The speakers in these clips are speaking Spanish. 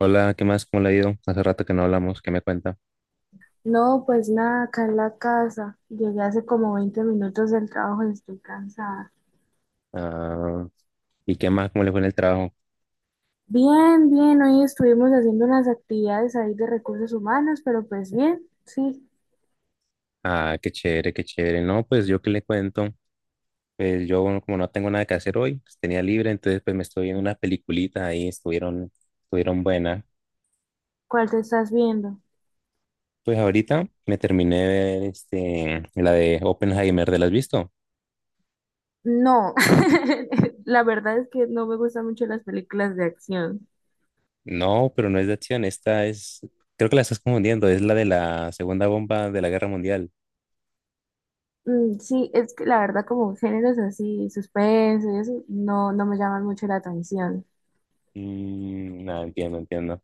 Hola, ¿qué más? ¿Cómo le ha ido? Hace rato que no hablamos, ¿qué me cuenta? No, pues nada, acá en la casa. Llegué hace como 20 minutos del trabajo y estoy cansada. Ah, ¿y qué más? ¿Cómo le fue en el trabajo? Bien, bien, hoy estuvimos haciendo unas actividades ahí de recursos humanos, pero pues bien, sí. Ah, qué chévere, qué chévere. No, pues yo qué le cuento. Pues yo bueno, como no tengo nada que hacer hoy, pues tenía libre, entonces pues me estoy viendo unas peliculitas ahí, estuvieron buenas. ¿Cuál te estás viendo? Pues ahorita me terminé de ver la de Oppenheimer. ¿Te la has visto? No, la verdad es que no me gustan mucho las películas de acción. No, pero no es de acción, creo que la estás confundiendo, es la de la segunda bomba de la guerra mundial. Sí, es que la verdad como géneros así, suspenso y eso, no, no me llaman mucho la atención. No, entiendo, entiendo.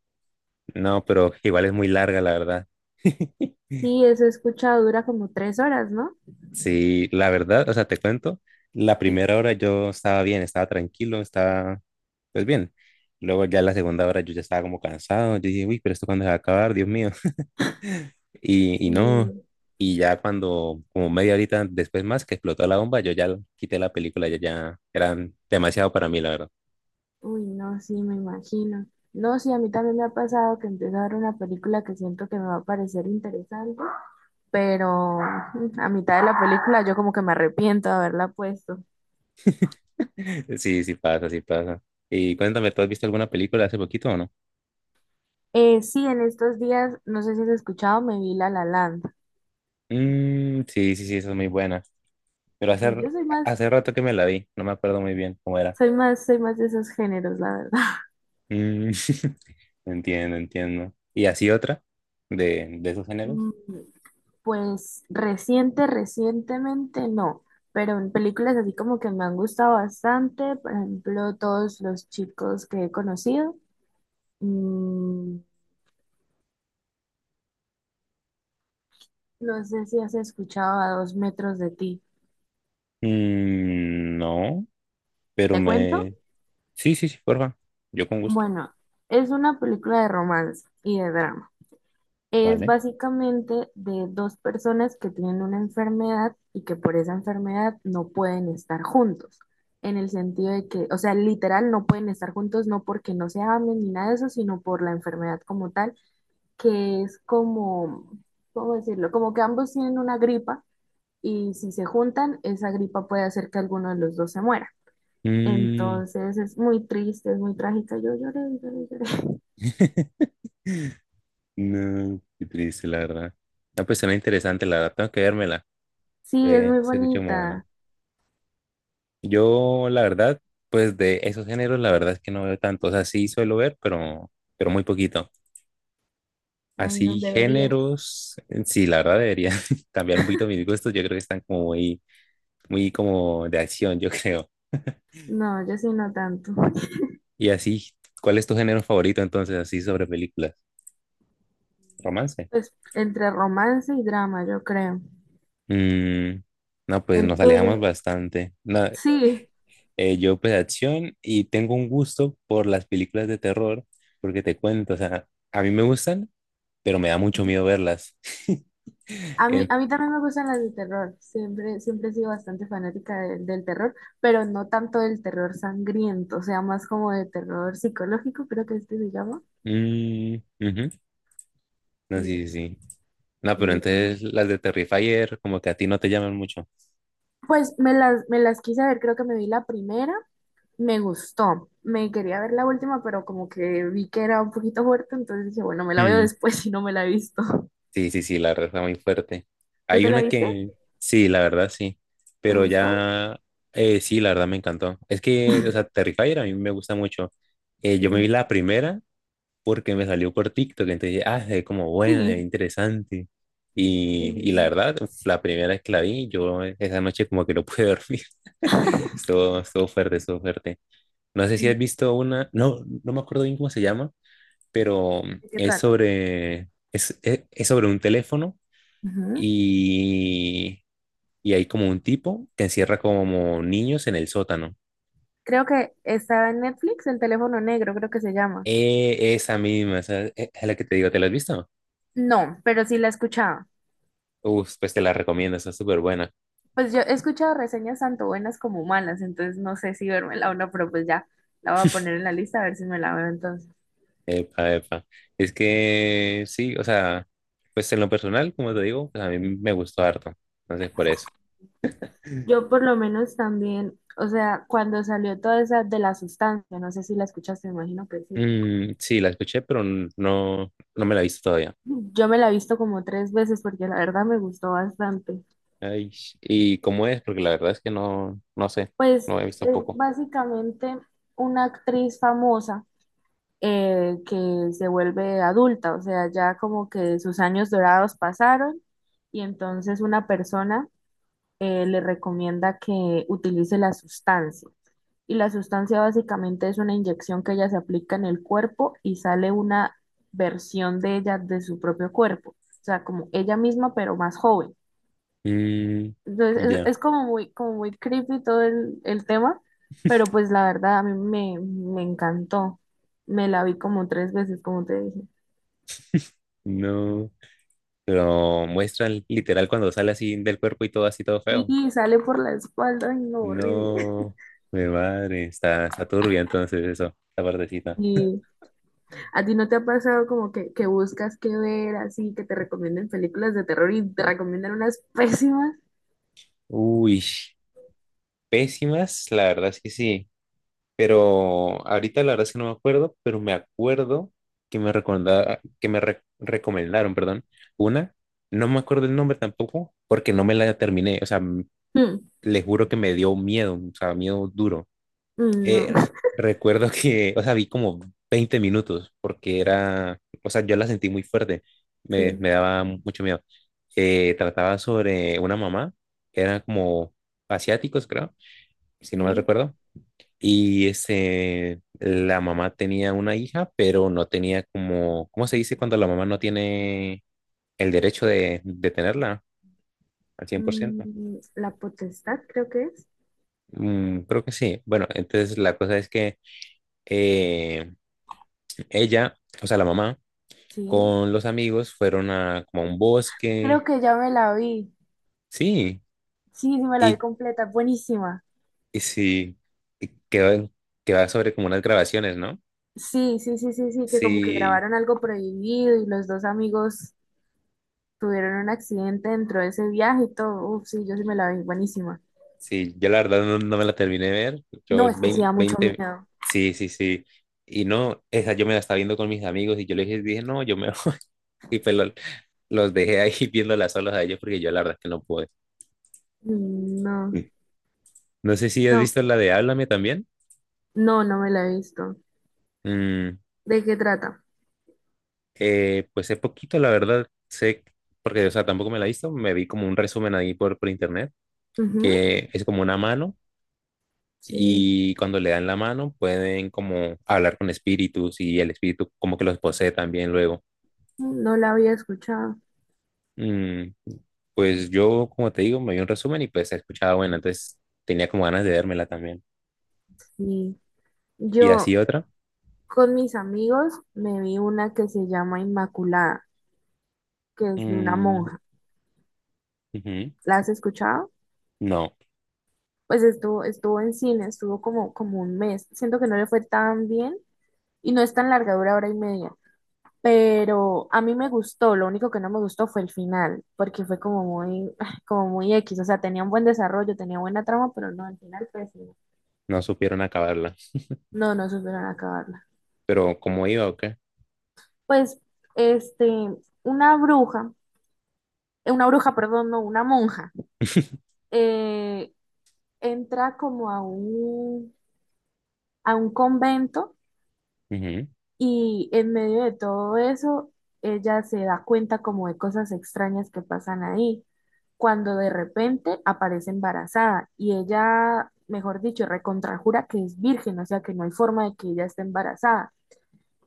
No, pero igual es muy larga, la verdad. Sí, eso he escuchado, dura como 3 horas, ¿no? Sí, la verdad, o sea, te cuento, la Sí. primera hora yo estaba bien, estaba tranquilo, estaba pues bien. Luego ya la segunda hora yo ya estaba como cansado, yo dije, uy, pero esto cuándo se va a acabar, Dios mío. No, Sí. y ya cuando, como media horita después más que explotó la bomba, yo ya quité la película, ya, ya eran demasiado para mí, la verdad. Uy, no, sí, me imagino. No, sí, a mí también me ha pasado que empiezo a ver una película que siento que me va a parecer interesante, pero a mitad de la película yo como que me arrepiento de haberla puesto. Sí, sí pasa, sí pasa. Y cuéntame, ¿tú has visto alguna película hace poquito o no? Sí, en estos días, no sé si has escuchado, me vi La La Land. Mm, sí, sí, sí, esa es muy buena. Pero Sí, yo soy más, hace rato que me la vi, no me acuerdo muy bien cómo era. soy más, soy más de esos géneros, la verdad. Mm, Entiendo, entiendo. ¿Y así otra de esos géneros? Mm, pues recientemente no, pero en películas así como que me han gustado bastante, por ejemplo, todos los chicos que he conocido. Mm, no sé si has escuchado a dos metros de ti. No, pero ¿Te cuento? me... Sí, sí, sí, porfa. Yo con gusto. Bueno, es una película de romance y de drama. Es Vale. básicamente de dos personas que tienen una enfermedad y que por esa enfermedad no pueden estar juntos. En el sentido de que, o sea, literal no pueden estar juntos, no porque no se amen ni nada de eso, sino por la enfermedad como tal, que es como, ¿cómo decirlo? Como que ambos tienen una gripa y si se juntan, esa gripa puede hacer que alguno de los dos se muera. Mm, Entonces es muy triste, es muy trágica. Yo lloré, lloré, lloré. No, qué triste, la verdad. No, pues suena interesante, la verdad. Tengo que vérmela. Sí, es muy Se escucha muy buena. bonita. Yo, la verdad, pues de esos géneros, la verdad es que no veo tanto. O sea, sí suelo ver, pero muy poquito. Ay, no Así, deberías. géneros, sí, la verdad debería cambiar un poquito mis gustos. Yo creo que están como muy como de acción, yo creo. No, yo sí no tanto. Y así, ¿cuál es tu género favorito entonces, así sobre películas? ¿Romance? Pues entre romance y drama, yo creo. Mm, no, pues El nos alejamos tuyo. bastante. No, Sí, yo pues acción y tengo un gusto por las películas de terror, porque te cuento, o sea, a mí me gustan, pero me da mucho miedo verlas. En- a mí también me gustan las de terror. Siempre, siempre he sido bastante fanática de- del terror, pero no tanto del terror sangriento, o sea, más como de terror psicológico, creo que este se llama. mm, ujú. No, Sí, sí, sí, sí. No, me pero gustan. entonces las de Terrifier como que a ti no te llaman mucho. Pues me las quise ver, creo que me vi la primera, me gustó. Me quería ver la última, pero como que vi que era un poquito fuerte, entonces dije, bueno, me la veo Mm. después si no me la he visto. Sí, sí, sí, la verdad está muy fuerte. ¿Tú Hay te la una viste? que, sí, la verdad sí, ¿Te pero gustó? ya, sí, la verdad me encantó. Es que, o sea, Terrifier a mí me gusta mucho. Sí. Yo me vi la primera porque me salió por TikTok, entonces dije, ah, es como buena, es Sí. interesante. La Mm, verdad, uf, la primera vez que la vi, esa noche como que no pude dormir. Estuvo fuerte, estuvo fuerte. No sé si mm. has visto una, no, no me acuerdo bien cómo se llama, pero ¿De qué es trata? sobre, es sobre un teléfono Ujú. y, y hay como un tipo que encierra como niños en el sótano. Creo que estaba en Netflix, El teléfono negro, creo que se llama. Esa misma, esa es la que te digo, ¿te la has visto? No, pero sí la escuchaba. Uf, pues te la recomiendo, está súper buena. Pues yo he escuchado reseñas tanto buenas como malas, entonces no sé si vérmela o no, pero pues ya la voy a poner en la lista a ver si me la veo entonces. Epa, epa. Es que sí, o sea, pues en lo personal, como te digo, pues a mí me gustó harto. Entonces, por eso. Yo por lo menos también, o sea, cuando salió toda esa de la sustancia, no sé si la escuchaste, me imagino que sí. Mm, sí, la escuché, no, no me la he visto todavía. Yo me la he visto como 3 veces porque la verdad me gustó bastante. Ay, ¿y cómo es? Porque la verdad es que no, no sé, Pues no he visto es poco. básicamente una actriz famosa que se vuelve adulta, o sea, ya como que sus años dorados pasaron y entonces una persona le recomienda que utilice la sustancia. Y la sustancia básicamente es una inyección que ella se aplica en el cuerpo y sale una versión de ella de su propio cuerpo, o sea, como ella misma pero más joven. Mm, Entonces ya, es como muy creepy todo el tema, pero pues la verdad a me encantó. Me la vi como 3 veces, como te dije. no. Lo muestran literal cuando sale así del cuerpo y todo así, todo feo. Y sale por la espalda, ay no, horrible. No, mi madre, está turbia entonces eso, la partecita. Y a ti no te ha pasado como que buscas qué ver así, que te recomienden películas de terror y te recomiendan unas pésimas. Uy, pésimas, la verdad es que sí. Pero ahorita la verdad es que no me acuerdo, pero me acuerdo que me recorda- que me re- recomendaron, perdón, una. No me acuerdo el nombre tampoco, porque no me la terminé. O sea, m- Mm. le juro que me dio miedo, o sea, miedo duro. Mm. No, Eh, Recuerdo que, o sea, vi como 20 minutos porque era, o sea, yo la sentí muy fuerte, sí, me daba mucho miedo. Trataba sobre una mamá, eran como asiáticos, creo, si no mal sí. recuerdo, y este la mamá tenía una hija, pero no tenía como, ¿cómo se dice cuando la mamá no tiene el derecho de tenerla? Al 100%. Mm, la potestad creo que es. Mm, creo que sí. Bueno, entonces la cosa es que eh, ella, o sea, la mamá, Sí. con los amigos, fueron a como a un bosque, Creo que ya me la vi. sí, Sí, sí me la vi y, completa. Buenísima. y sí, y que, va- que va sobre como unas grabaciones, ¿no? Sí, sí, sí, sí, sí, que como que Sí, grabaron algo prohibido y los dos amigos tuvieron un accidente dentro de ese viaje y todo. Uf, sí, yo sí me la vi. Buenísima. sí, yo la verdad no, no me la terminé de ver, No, es que sí da mucho 20 miedo. sí, sí, sí, y no, esa yo me la estaba viendo con mis amigos y yo les dije, dije, no, yo me voy", y pues lo- los dejé ahí viéndolas solos a ellos porque yo la verdad que no pude. No, Mm, no sé si has no, visto la de Háblame también. no, no me la he visto. Mm, ¿De qué trata? Pues es poquito, la verdad, sé, porque, o sea, tampoco me la he visto, me vi como un resumen ahí por internet, Ujú. que es como una mano Sí, y cuando le dan la mano pueden como hablar con espíritus y el espíritu como que los posee también luego. no la había escuchado. Mm, pues yo, como te digo, me vi un resumen y pues he escuchado, bueno, entonces tenía como ganas de vérmela también. Sí. Y así Yo, otra, con mis amigos me vi una que se llama Inmaculada, que es de una mm, monja. ujú, ¿La has escuchado? no, Pues estuvo, estuvo en cine, estuvo como, como un mes. Siento que no le fue tan bien y no es tan larga, dura hora y media. Pero a mí me gustó, lo único que no me gustó fue el final, porque fue como muy, como muy X, o sea, tenía un buen desarrollo, tenía buena trama, pero no, al final pésimo. no supieron acabarla, No, no supieron acabarla. pero ¿cómo iba o qué? Pues, este, una bruja, una bruja, perdón, no, una monja, eh, entra como a a un convento Ujú, y en medio de todo eso, ella se da cuenta como de cosas extrañas que pasan ahí, cuando de repente aparece embarazada y ella, mejor dicho, recontrajura que es virgen, o sea que no hay forma de que ella esté embarazada.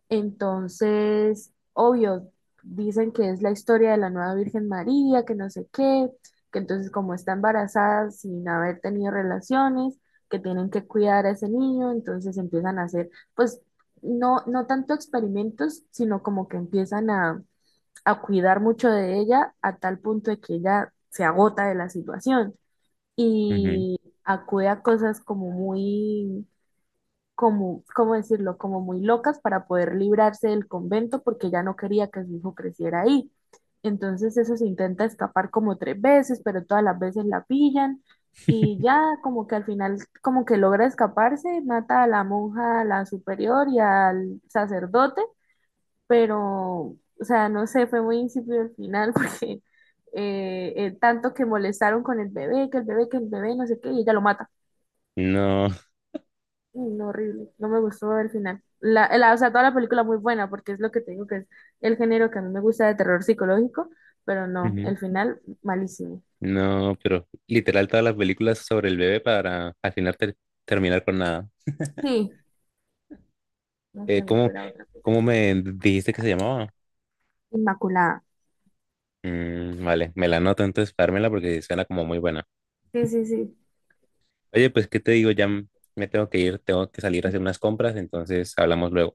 Entonces, obvio, dicen que es la historia de la nueva Virgen María, que no sé qué, que entonces como está embarazada sin haber tenido relaciones, que tienen que cuidar a ese niño, entonces empiezan a hacer, pues, no, no tanto experimentos, sino como que empiezan a cuidar mucho de ella a tal punto de que ella se agota de la situación ujú, y acude a cosas como muy como, ¿cómo decirlo? Como muy locas para poder librarse del convento porque ella no quería que su hijo creciera ahí. Entonces eso se intenta escapar como 3 veces, pero todas las veces la pillan y ya como que al final como que logra escaparse, mata a la monja, a la superior y al sacerdote, pero o sea, no sé, fue muy insípido el final porque tanto que molestaron con el bebé, que el bebé, no sé qué, y ella lo mata. no. Uy, no, horrible. No me gustó el final. O sea, toda la película muy buena, porque es lo que te digo que es el género que a mí me gusta de terror psicológico, pero no, el final malísimo. No, pero literal todas las películas sobre el bebé para al final terminar con nada. Sí, no sé, Eh, me ¿cómo, espera otra cosa. ¿cómo me dijiste que se llamaba? Inmaculada. Mm, vale, me la anoto entonces para dármela porque suena como muy buena. Sí, sí, sí. Oye, pues, ¿qué te digo? Me tengo que ir, tengo que salir a hacer unas compras, entonces hablamos luego.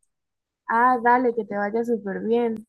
Ah, dale, que te vaya súper bien.